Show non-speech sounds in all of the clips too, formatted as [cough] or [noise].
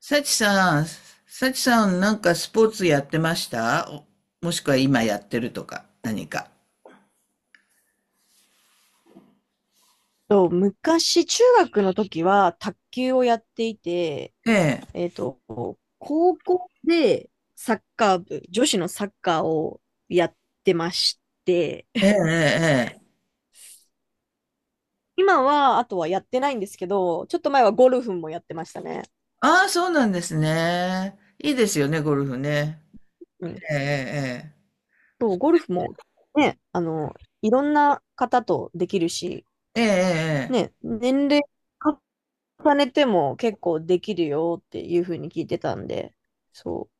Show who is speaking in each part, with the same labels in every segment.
Speaker 1: サチさん、サチさんなんかスポーツやってましたおもしくは今やってるとか、何か。
Speaker 2: 昔、中学の時は卓球をやっていて、
Speaker 1: ええ、
Speaker 2: えっと、高校でサッカー部、女子のサッカーをやってまして、
Speaker 1: ええ、ええ。ええ。
Speaker 2: 今は、あとはやってないんですけど、ちょっと前はゴルフもやってましたね。
Speaker 1: ああ、そうなんですね。いいですよね、ゴルフね。
Speaker 2: うん。
Speaker 1: ええ、
Speaker 2: そう、ゴルフもね、いろんな方とできるし、
Speaker 1: ええ、ええ、ええ、ええ。
Speaker 2: ね、年齢重ねても結構できるよっていうふうに聞いてたんで、そう。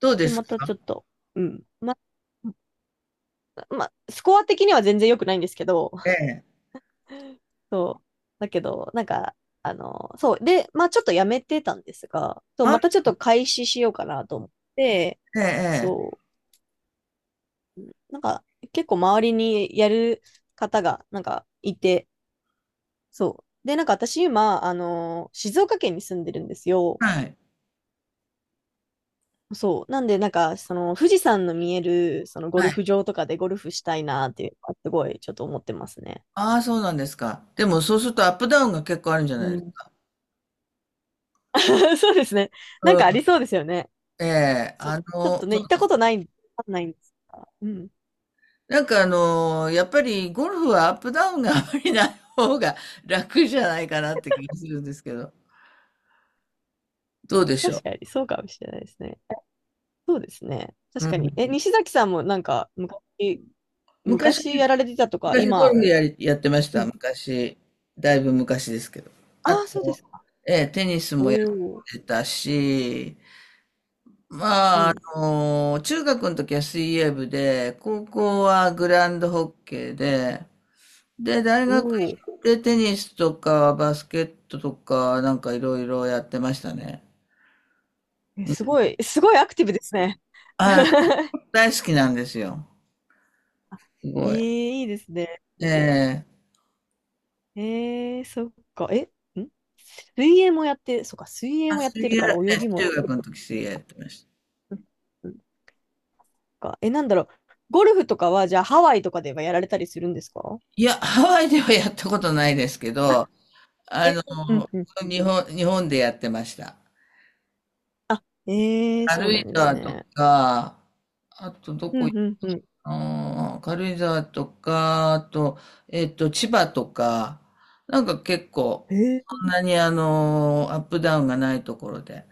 Speaker 1: どうで
Speaker 2: で、
Speaker 1: す
Speaker 2: またち
Speaker 1: か。
Speaker 2: ょっと、うん。あ、スコア的には全然良くないんですけど、
Speaker 1: ええ。
Speaker 2: そう。だけど、なんか、そう。で、まあちょっとやめてたんですが、そう、
Speaker 1: あ、
Speaker 2: またちょっと開始しようかなと思って、
Speaker 1: ええ、ええ。
Speaker 2: そう。なんか、結構周りにやる方が、なんか、いて、そう。で、なんか私今、静岡県に住んでるんですよ。
Speaker 1: はい、
Speaker 2: そう。なんで、なんか、その、富士山の見える、その、ゴ
Speaker 1: は
Speaker 2: ル
Speaker 1: い。
Speaker 2: フ場とかでゴルフしたいなっていうのは、すごい、ちょっと思ってますね。
Speaker 1: ああ、そうなんですか。でもそうするとアップダウンが結構あるんじゃな
Speaker 2: う
Speaker 1: いです
Speaker 2: ん。
Speaker 1: か。
Speaker 2: [laughs] そうですね。なん
Speaker 1: う
Speaker 2: かあり
Speaker 1: ん。
Speaker 2: そうですよね。
Speaker 1: ええ、
Speaker 2: そう。
Speaker 1: あ
Speaker 2: ちょっ
Speaker 1: の、
Speaker 2: とね、
Speaker 1: そ
Speaker 2: 行っ
Speaker 1: う
Speaker 2: た
Speaker 1: で
Speaker 2: こ
Speaker 1: す。
Speaker 2: とないんで、わかんないんですが。うん。
Speaker 1: なんかやっぱりゴルフはアップダウンがあまりない方が楽じゃないかなって気がするんですけど、どうでしょ
Speaker 2: 確かに、そうかもしれないですね。そうですね。
Speaker 1: う。う
Speaker 2: 確かに。え、
Speaker 1: ん、
Speaker 2: 西崎さんもなんか、昔
Speaker 1: 昔、
Speaker 2: やられてたとか、
Speaker 1: 昔ゴ
Speaker 2: 今、
Speaker 1: ルフやり、やってまし
Speaker 2: う
Speaker 1: た。
Speaker 2: ん。
Speaker 1: 昔、だいぶ昔ですけど。
Speaker 2: あ
Speaker 1: あ
Speaker 2: あ、そうで
Speaker 1: と、
Speaker 2: すか。
Speaker 1: ええ、テニス
Speaker 2: お
Speaker 1: もやっ
Speaker 2: お。
Speaker 1: てたし、
Speaker 2: う
Speaker 1: まあ、
Speaker 2: ん。
Speaker 1: 中学の時は水泳部で、高校はグランドホッケーで、で、大
Speaker 2: お
Speaker 1: 学
Speaker 2: お。
Speaker 1: 行ってテニスとかバスケットとかなんかいろいろやってましたね。
Speaker 2: え、すごい、すごいアクティブですね。[laughs] え
Speaker 1: あ、大好きなんですよ。す
Speaker 2: ー、
Speaker 1: ごい。
Speaker 2: いいですね。
Speaker 1: ええ。
Speaker 2: そっか。え、ん水泳もやって、そっか、水泳
Speaker 1: あ、
Speaker 2: もやっ
Speaker 1: 水
Speaker 2: てる
Speaker 1: 泳、
Speaker 2: から泳
Speaker 1: え、
Speaker 2: ぎも
Speaker 1: 中
Speaker 2: でき
Speaker 1: 学
Speaker 2: る。
Speaker 1: の時水泳やってました。
Speaker 2: うんか。え、なんだろう。ゴルフとかは、じゃあハワイとかではやられたりするんですか？
Speaker 1: いや、ハワイではやったことないですけど、
Speaker 2: え
Speaker 1: あ
Speaker 2: ー
Speaker 1: の、
Speaker 2: うんうんうん。
Speaker 1: 日本でやってました。
Speaker 2: えー、そう
Speaker 1: 軽
Speaker 2: な
Speaker 1: 井
Speaker 2: んです
Speaker 1: 沢と
Speaker 2: ね。
Speaker 1: か、あとど
Speaker 2: う
Speaker 1: こ行
Speaker 2: ん
Speaker 1: っ
Speaker 2: うんうん。
Speaker 1: たの。軽井沢とか、あと、えっと、千葉とか、なんか結構、
Speaker 2: えー、
Speaker 1: そんなにあの、アップダウンがないところで。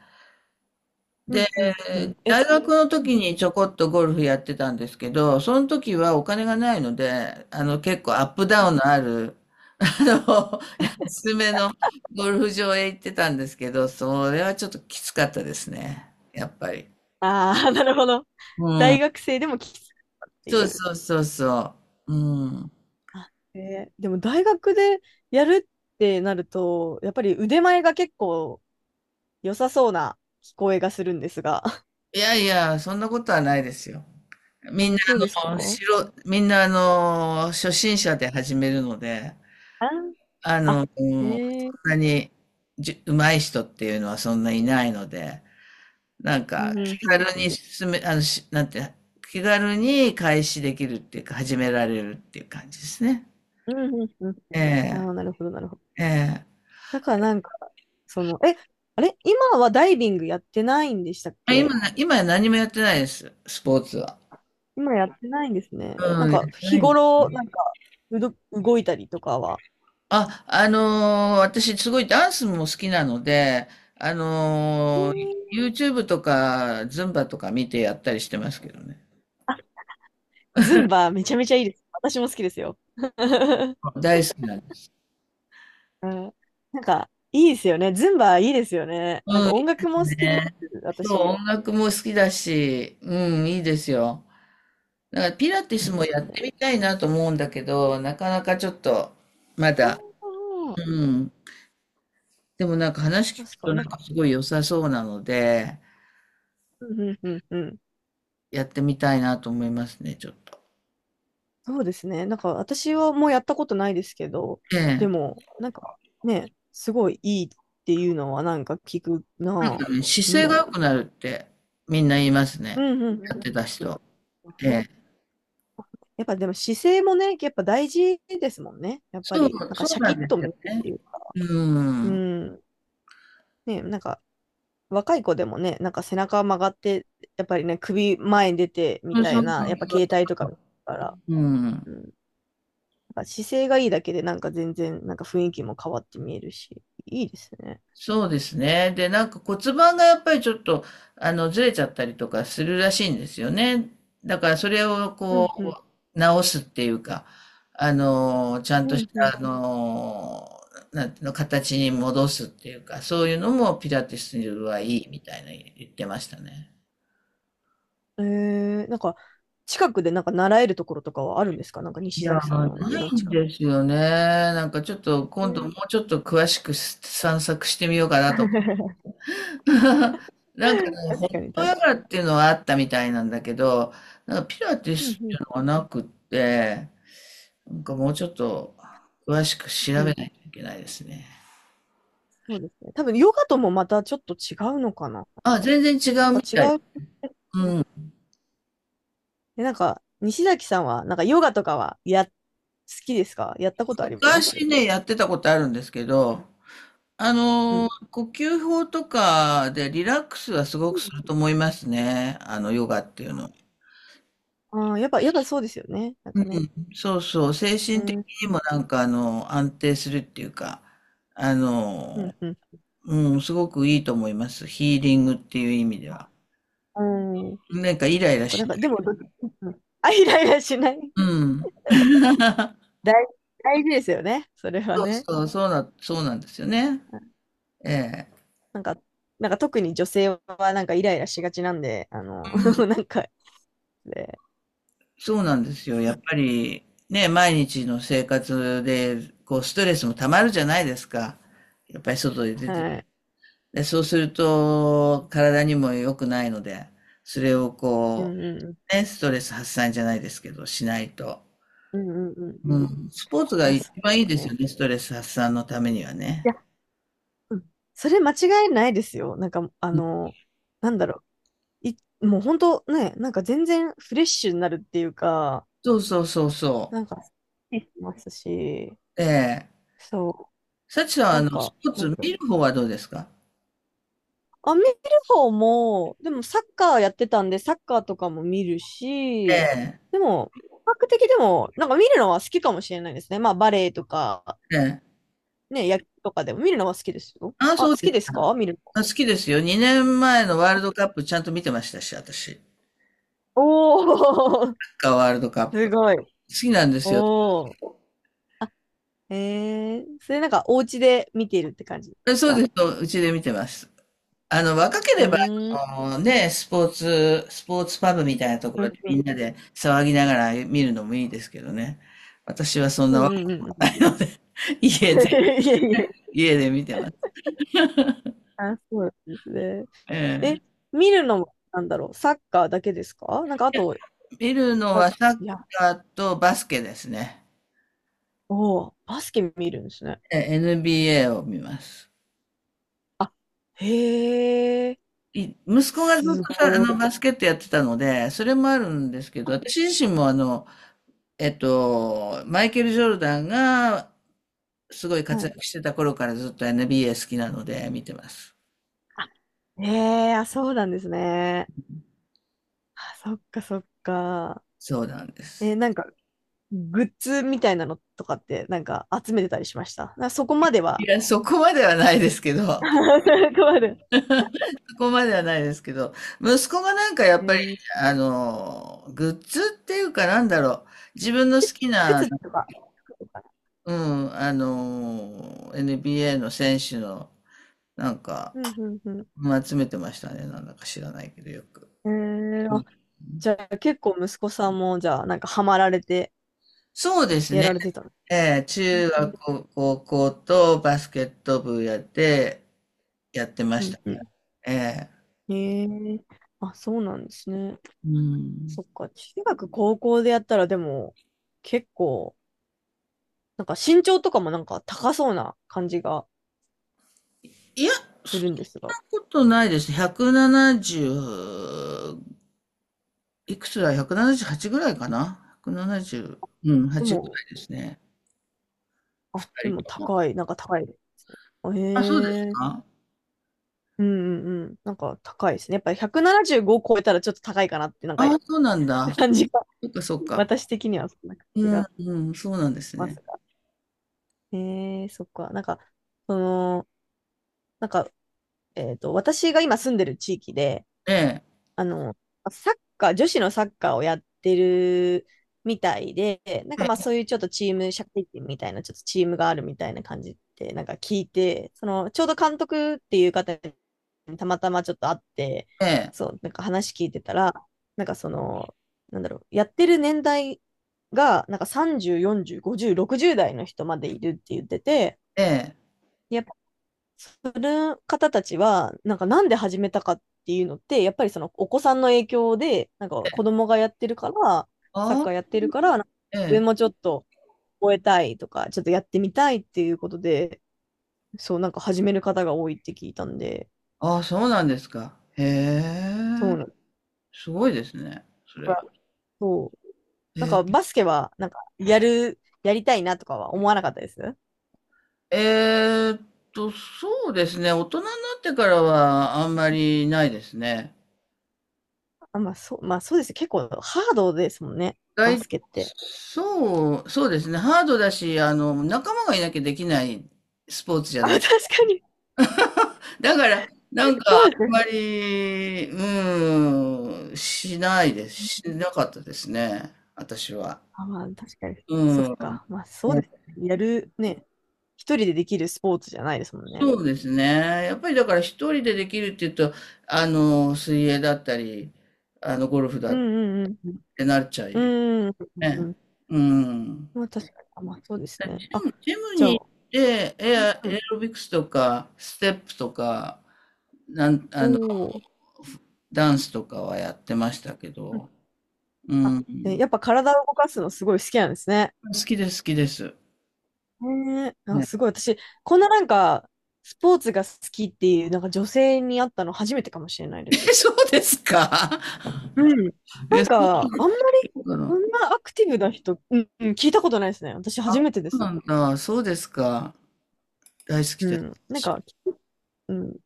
Speaker 2: う
Speaker 1: で、
Speaker 2: んうんうん。え、
Speaker 1: 大学の
Speaker 2: うん
Speaker 1: 時にちょこっとゴルフやってたんですけど、その時はお金がないので、あの結構アップ
Speaker 2: う
Speaker 1: ダウ
Speaker 2: ん
Speaker 1: ンのある、あの、安めのゴルフ場へ行ってたんですけど、それはちょっときつかったですね。やっぱり。
Speaker 2: ああ、[laughs] なるほど。
Speaker 1: う
Speaker 2: 大
Speaker 1: ん。
Speaker 2: 学生でもきつくって
Speaker 1: そ
Speaker 2: い
Speaker 1: う
Speaker 2: う。
Speaker 1: そうそうそう。うん。
Speaker 2: あ、でも大学でやるってなると、やっぱり腕前が結構良さそうな聞こえがするんですが。[laughs]
Speaker 1: いやいや、そんなことはないですよ。みんな
Speaker 2: あ、そうですか？
Speaker 1: みんなあの、初心者で始めるので、
Speaker 2: あ
Speaker 1: あ
Speaker 2: あ、
Speaker 1: の、う
Speaker 2: え
Speaker 1: ん、そん
Speaker 2: ー、
Speaker 1: なに、じゅ上手い人っていうのはそんないないので、なん
Speaker 2: う
Speaker 1: か
Speaker 2: ん
Speaker 1: 気
Speaker 2: うんう
Speaker 1: 軽
Speaker 2: んう
Speaker 1: に
Speaker 2: ん。
Speaker 1: 進めあの、しなんて、気軽に開始できるっていうか、始められるっていう感じですね。
Speaker 2: うんうんうんう
Speaker 1: え
Speaker 2: ん。
Speaker 1: え、
Speaker 2: ああ、なるほど、なるほど。
Speaker 1: ええ。
Speaker 2: だからなんか、その、あれ今はダイビングやってないんでしたっ
Speaker 1: あ、
Speaker 2: け？
Speaker 1: 今は何もやってないです、スポーツは。
Speaker 2: 今やってないんですね。な
Speaker 1: う
Speaker 2: ん
Speaker 1: ん、やっ
Speaker 2: か、
Speaker 1: てな
Speaker 2: 日
Speaker 1: いんだ。
Speaker 2: 頃、なんか、動いたりとかは。
Speaker 1: あ、私すごいダンスも好きなので、
Speaker 2: へー
Speaker 1: YouTube とか、ズンバとか見てやったりしてますけどね。
Speaker 2: ズンバめちゃめちゃいいです。私も好きですよ。[laughs]
Speaker 1: 大好きなんです。
Speaker 2: うん、なんか、いいですよね。ズンバいいですよね。なん
Speaker 1: う
Speaker 2: か音
Speaker 1: ん。
Speaker 2: 楽も好きです。
Speaker 1: そ
Speaker 2: 私。
Speaker 1: う、
Speaker 2: い
Speaker 1: 音楽も好きだし、うん、いいですよ。だからピラティ
Speaker 2: い
Speaker 1: ス
Speaker 2: で
Speaker 1: も
Speaker 2: す
Speaker 1: や
Speaker 2: よ
Speaker 1: って
Speaker 2: ね。
Speaker 1: みたいなと思うんだけど、なかなかちょっと、ま
Speaker 2: あ
Speaker 1: だ、
Speaker 2: あ、
Speaker 1: うん。でもなんか話聞く
Speaker 2: 確か
Speaker 1: と
Speaker 2: にな
Speaker 1: な
Speaker 2: ん
Speaker 1: んか
Speaker 2: か、
Speaker 1: すごい良さそうなので、
Speaker 2: うんうんうんうん。
Speaker 1: やってみたいなと思いますね、ちょっと。
Speaker 2: そうですね。なんか私はもうやったことないですけど、
Speaker 1: え
Speaker 2: で
Speaker 1: え。
Speaker 2: も、なんかね、すごいいいっていうのはなんか聞く
Speaker 1: なん
Speaker 2: な
Speaker 1: か
Speaker 2: ぁ。
Speaker 1: ね、
Speaker 2: う
Speaker 1: 姿勢が
Speaker 2: ん。
Speaker 1: 良くなるってみんな言います
Speaker 2: う
Speaker 1: ね。
Speaker 2: んうんう
Speaker 1: やっ
Speaker 2: ん。
Speaker 1: てた
Speaker 2: う
Speaker 1: 人。え
Speaker 2: んね、
Speaker 1: え。
Speaker 2: やっぱでも姿勢もね、やっぱ大事ですもんね。やっぱ
Speaker 1: そう、
Speaker 2: り、なんか
Speaker 1: そ
Speaker 2: シ
Speaker 1: う
Speaker 2: ャ
Speaker 1: な
Speaker 2: キ
Speaker 1: ん
Speaker 2: ッ
Speaker 1: で
Speaker 2: と
Speaker 1: す
Speaker 2: 見
Speaker 1: よ
Speaker 2: えるって
Speaker 1: ね。
Speaker 2: いうか。
Speaker 1: う
Speaker 2: う
Speaker 1: ん。
Speaker 2: ん。ね、なんか若い子でもね、なんか背中曲がって、やっぱりね、首前に出てみ
Speaker 1: そう
Speaker 2: た
Speaker 1: そ
Speaker 2: い
Speaker 1: うそ
Speaker 2: な、や
Speaker 1: う
Speaker 2: っぱ携
Speaker 1: そ
Speaker 2: 帯とか見るから。
Speaker 1: う。うん。
Speaker 2: なんか姿勢がいいだけでなんか全然なんか雰囲気も変わって見えるし、いいですね。
Speaker 1: そうですね。で、なんか骨盤がやっぱりちょっと、あの、ずれちゃったりとかするらしいんですよね。だからそれを
Speaker 2: うんうん。
Speaker 1: こう、直すっていうか、あの、ちゃん
Speaker 2: うん
Speaker 1: とし
Speaker 2: う
Speaker 1: た、あの、なんていうの、形に戻すっていうか、そういうのもピラティスはいいみたいな言ってましたね。
Speaker 2: ん。なんか近くでなんか習えるところとかはあるんですか？なんか
Speaker 1: い
Speaker 2: 西
Speaker 1: や、
Speaker 2: 崎さん
Speaker 1: な
Speaker 2: の家の
Speaker 1: いん
Speaker 2: 近く。
Speaker 1: ですよね。なんかちょっと
Speaker 2: え
Speaker 1: 今度も
Speaker 2: ー
Speaker 1: うちょっと詳しく散策してみようかなと。
Speaker 2: [laughs]
Speaker 1: [laughs] なんかね、ホ
Speaker 2: 確か
Speaker 1: ッ
Speaker 2: に
Speaker 1: ト
Speaker 2: 確
Speaker 1: ヨ
Speaker 2: か
Speaker 1: ガっていうのはあったみたいなんだけど、なんかピラティ
Speaker 2: に。う
Speaker 1: ス
Speaker 2: ん
Speaker 1: っ
Speaker 2: う
Speaker 1: てい
Speaker 2: ん
Speaker 1: うのはなくって、なんかもうちょっと詳しく調
Speaker 2: う
Speaker 1: べ
Speaker 2: ん。
Speaker 1: ないといけないですね。
Speaker 2: そうですね。多分ヨガともまたちょっと違うのかな？
Speaker 1: あ、全然違
Speaker 2: なん
Speaker 1: う
Speaker 2: か
Speaker 1: み
Speaker 2: 違
Speaker 1: たい。
Speaker 2: う。
Speaker 1: うん。
Speaker 2: で、なんか西崎さんはなんかヨガとかは好きですか？やったことあります？
Speaker 1: 昔ね、やってたことあるんですけど、
Speaker 2: うん。
Speaker 1: 呼吸法とかでリラックスはすご
Speaker 2: う
Speaker 1: くす
Speaker 2: ん
Speaker 1: ると思いますね。あの、ヨガっていうの。
Speaker 2: ああー、やっぱそうですよね。なん
Speaker 1: う
Speaker 2: かね。
Speaker 1: ん、そうそう。精
Speaker 2: う
Speaker 1: 神
Speaker 2: ん、
Speaker 1: 的
Speaker 2: う
Speaker 1: に
Speaker 2: ん、
Speaker 1: もなんかあの、安定するっていうか、あ
Speaker 2: う
Speaker 1: の、
Speaker 2: ん、うん。
Speaker 1: うん、すごくいいと思います。ヒーリングっていう意味では。
Speaker 2: うん。
Speaker 1: なんかイライ
Speaker 2: そ
Speaker 1: ラ
Speaker 2: っか、な
Speaker 1: し
Speaker 2: ん
Speaker 1: な
Speaker 2: か、で
Speaker 1: い。
Speaker 2: も、あ、イライラしない。[laughs]
Speaker 1: うん。[laughs]
Speaker 2: 大、大事ですよね。それは
Speaker 1: そう
Speaker 2: ね。
Speaker 1: そう、そうな、そうなんですよね。
Speaker 2: あ
Speaker 1: ええ。
Speaker 2: なんか、なんか特に女性はなんかイライラしがちなんで、
Speaker 1: う
Speaker 2: [laughs]
Speaker 1: ん。
Speaker 2: なんか、で、
Speaker 1: そうなんですよ。やっぱりね、毎日の生活で、こう、ストレスもたまるじゃないですか。やっぱり外で出て。
Speaker 2: はい。
Speaker 1: で、そうすると、体にも良くないので、それを
Speaker 2: う
Speaker 1: こ
Speaker 2: んうん
Speaker 1: う、ね、ストレス発散じゃないですけど、しないと。
Speaker 2: うんうんうんう
Speaker 1: う
Speaker 2: んうん。い
Speaker 1: ん。スポーツが
Speaker 2: や、
Speaker 1: 一
Speaker 2: そう
Speaker 1: 番
Speaker 2: で
Speaker 1: いい
Speaker 2: す
Speaker 1: ですよ
Speaker 2: ね。
Speaker 1: ね、ストレス発散のためには
Speaker 2: いや、
Speaker 1: ね。
Speaker 2: うん。それ間違いないですよ。なんか、なんだろう。もう本当ね、なんか全然フレッシュになるっていうか、
Speaker 1: そうそうそうそ
Speaker 2: なんか、ますし、
Speaker 1: う。ええ。
Speaker 2: そ
Speaker 1: 幸さんは、
Speaker 2: う、
Speaker 1: あ
Speaker 2: なん
Speaker 1: の、ス
Speaker 2: か、
Speaker 1: ポーツ見る方はどうですか。
Speaker 2: 見る方も、でもサッカーやってたんで、サッカーとかも見る
Speaker 1: え
Speaker 2: し、
Speaker 1: え。
Speaker 2: でも、比較的でも、なんか見るのは好きかもしれないですね。まあ、バレエとか、
Speaker 1: ええ。
Speaker 2: ね、野球とかでも見るのは好きですよ。
Speaker 1: ああ、
Speaker 2: あ、
Speaker 1: そ
Speaker 2: 好
Speaker 1: うで
Speaker 2: き
Speaker 1: す
Speaker 2: です
Speaker 1: か。
Speaker 2: か？見るの。
Speaker 1: あ、好きですよ。2年前のワールドカップちゃんと見てましたし、私。サッ
Speaker 2: おー、
Speaker 1: カーワールドカ
Speaker 2: [laughs]
Speaker 1: ッ
Speaker 2: す
Speaker 1: プ。
Speaker 2: ごい。
Speaker 1: 好きなんですよ。
Speaker 2: おー。えそれなんかお家で見ているって感じ
Speaker 1: え、
Speaker 2: です
Speaker 1: そうで
Speaker 2: か？
Speaker 1: すよ。うちで見てます。あの、若け
Speaker 2: う
Speaker 1: れば、
Speaker 2: ーん。
Speaker 1: あのね、スポーツ、スポーツパブみたいなとこ
Speaker 2: う
Speaker 1: ろ
Speaker 2: ん
Speaker 1: でみ
Speaker 2: うん
Speaker 1: んなで騒ぎながら見るのもいいですけどね。私はそん
Speaker 2: う
Speaker 1: な若
Speaker 2: んう
Speaker 1: くもな
Speaker 2: ん
Speaker 1: いので、[laughs]
Speaker 2: [laughs]
Speaker 1: 家
Speaker 2: い
Speaker 1: で、
Speaker 2: やいや。
Speaker 1: 家で見てます。
Speaker 2: [laughs] あ、そうなんですね。
Speaker 1: ええ。
Speaker 2: え、見るのも、なんだろう、サッカーだけですか？なんかあと、
Speaker 1: 見るの
Speaker 2: あ
Speaker 1: はサッ
Speaker 2: いや、
Speaker 1: カーとバスケですね。
Speaker 2: おーバスケ見るんですね。
Speaker 1: え、 NBA を見ます。
Speaker 2: あ、へえ、
Speaker 1: い息子がずっ
Speaker 2: す
Speaker 1: とさ、あ
Speaker 2: ご
Speaker 1: の、
Speaker 2: い。
Speaker 1: バスケットやってたので、それもあるんですけど、私自身もあの、えっと、マイケル・ジョルダンがすごい
Speaker 2: は
Speaker 1: 活
Speaker 2: い。
Speaker 1: 躍してた頃からずっと NBA 好きなので見てます。
Speaker 2: あ、へえ、あ、そうなんですね。あ、そっかそっか。
Speaker 1: そうなんです。
Speaker 2: なんか、グッズみたいなのとかって、なんか集めてたりしましたな？そこまで
Speaker 1: い
Speaker 2: は。
Speaker 1: や、そこまではないですけ
Speaker 2: [laughs]
Speaker 1: ど、
Speaker 2: そこまで。
Speaker 1: そこまではないですけど、息子がなんかやっ
Speaker 2: え
Speaker 1: ぱり、
Speaker 2: ー
Speaker 1: あの、グッズっていうかなんだろう、自分の好きな、
Speaker 2: 靴とか、服とか。
Speaker 1: うん、NBA の選手の、なんか、
Speaker 2: うん、うん、
Speaker 1: うん、集めてましたね。なんだか知らないけど、よく。
Speaker 2: うん。
Speaker 1: う
Speaker 2: あ、
Speaker 1: ん。
Speaker 2: じゃあ結構息子さんも、じゃあ、なんかハマられて、
Speaker 1: そうです
Speaker 2: や
Speaker 1: ね。
Speaker 2: られてたの。
Speaker 1: えー、
Speaker 2: うん、うん、
Speaker 1: 高校とバスケット部やって、やってま
Speaker 2: う
Speaker 1: し
Speaker 2: ん。
Speaker 1: た。
Speaker 2: うん
Speaker 1: え
Speaker 2: へえ、あ、そうなんですね。
Speaker 1: ー。うん。
Speaker 2: そっか、中学、高校でやったらでも、結構、なんか身長とかもなんか高そうな感じが
Speaker 1: いや、
Speaker 2: す
Speaker 1: そん
Speaker 2: るんですが。
Speaker 1: なことないです。170、いくつだ？ 178 ぐらいかな？ 170、うん、
Speaker 2: で
Speaker 1: 8ぐ
Speaker 2: も、
Speaker 1: らいですね。
Speaker 2: あ、で
Speaker 1: 二
Speaker 2: も
Speaker 1: 人とも。
Speaker 2: 高い、なんか高いですね。
Speaker 1: あ、そうです
Speaker 2: へえ、
Speaker 1: か。
Speaker 2: うんうんうん、なんか高いですね。やっぱり175超えたらちょっと高いかなって、なんか
Speaker 1: あ、そうなん
Speaker 2: [laughs]
Speaker 1: だ。
Speaker 2: 感じが、
Speaker 1: そっかそっ
Speaker 2: [laughs]
Speaker 1: か。
Speaker 2: 私的にはそんな感じ
Speaker 1: うん、
Speaker 2: がし
Speaker 1: うん、そうなんです
Speaker 2: ます
Speaker 1: ね。
Speaker 2: が。へえ、そっか、なんか、その、なんか、私が今住んでる地域で、
Speaker 1: ええ、
Speaker 2: あの、サッカー、女子のサッカーをやってるみたいで、なんかまあ
Speaker 1: え
Speaker 2: そういうちょっとチーム、社会人みたいな、ちょっとチームがあるみたいな感じってなんか聞いて、その、ちょうど監督っていう方にたまたまちょっと会って、
Speaker 1: え、え
Speaker 2: そ
Speaker 1: え、
Speaker 2: う、なんか話聞いてたら、なんかその、なんだろう、やってる年代が、なんか30、40、50、60代の人までいるって言ってて、
Speaker 1: ええ。
Speaker 2: やっする方たちは、なんかなんで始めたかっていうのって、やっぱりそのお子さんの影響で、なんか子供がやってるから、サッ
Speaker 1: あ
Speaker 2: カーや
Speaker 1: あ、
Speaker 2: ってるから、自
Speaker 1: ええ、
Speaker 2: 分もちょっと覚えたいとか、ちょっとやってみたいっていうことで、そう、なんか始める方が多いって聞いたんで、
Speaker 1: ああ、そうなんですか。へ
Speaker 2: そう
Speaker 1: え、
Speaker 2: なんだ
Speaker 1: すごいですね、それ
Speaker 2: か
Speaker 1: は。
Speaker 2: らそう。なん
Speaker 1: え
Speaker 2: かバスケは、なんかやりたいなとかは思わなかったです。
Speaker 1: え、えーっと、そうですね、大人になってからはあんまりないですね。
Speaker 2: あ、まあそう、まあそうです。結構ハードですもんね、バ
Speaker 1: 外、
Speaker 2: スケって。
Speaker 1: そう、そうですね、ハードだし、あの、仲間がいなきゃできないスポーツじゃ
Speaker 2: あ、
Speaker 1: な
Speaker 2: 確
Speaker 1: い。
Speaker 2: かに。
Speaker 1: だから、なんか、
Speaker 2: そ
Speaker 1: あ
Speaker 2: うです
Speaker 1: ん
Speaker 2: ね。
Speaker 1: まり、うん、しないです。しなかったですね、私は。
Speaker 2: あ、まあ、確かに。
Speaker 1: う
Speaker 2: そっ
Speaker 1: ん。
Speaker 2: か。まあ、そう
Speaker 1: ね。
Speaker 2: ですね。やる、ね、一人でできるスポーツじゃないですもんね。
Speaker 1: そうですね。やっぱりだから一人でできるっていうと、あの、水泳だったり、あの、ゴルフ
Speaker 2: う
Speaker 1: だ
Speaker 2: ん
Speaker 1: っ
Speaker 2: うんうん。
Speaker 1: てなっちゃ
Speaker 2: う
Speaker 1: い、
Speaker 2: ん。うんうんう
Speaker 1: ね。
Speaker 2: ん。
Speaker 1: うん。
Speaker 2: まあ、確かに。あまあ、そうですね。あ、
Speaker 1: ジム
Speaker 2: じゃあ、
Speaker 1: に行って、
Speaker 2: うんう
Speaker 1: エ
Speaker 2: ん。
Speaker 1: アロビクスとか、ステップとか、なん、
Speaker 2: お
Speaker 1: あの、
Speaker 2: ー
Speaker 1: ダンスとかはやってましたけ
Speaker 2: うん
Speaker 1: ど、う
Speaker 2: あ、
Speaker 1: ん。
Speaker 2: ねやっぱ体を動かすのすごい好きなんですね。
Speaker 1: 好きです、好きです。
Speaker 2: ねえ。あ、
Speaker 1: ね。
Speaker 2: すごい。私、こんななんか、スポーツが好きっていう、なんか女性に会ったの初めてかもしれない
Speaker 1: [laughs]
Speaker 2: で
Speaker 1: え、
Speaker 2: す。
Speaker 1: そうですか。
Speaker 2: うん。な
Speaker 1: え、
Speaker 2: ん
Speaker 1: そ
Speaker 2: か、あんまり、
Speaker 1: うな
Speaker 2: こ
Speaker 1: の。
Speaker 2: んなアクティブな人、うん、うん、聞いたことないですね。私初めてで
Speaker 1: そう
Speaker 2: す。
Speaker 1: なんだ。そうですか。大好き
Speaker 2: う
Speaker 1: で
Speaker 2: ん。なん
Speaker 1: す。
Speaker 2: か、うん、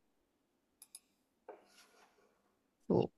Speaker 2: そう。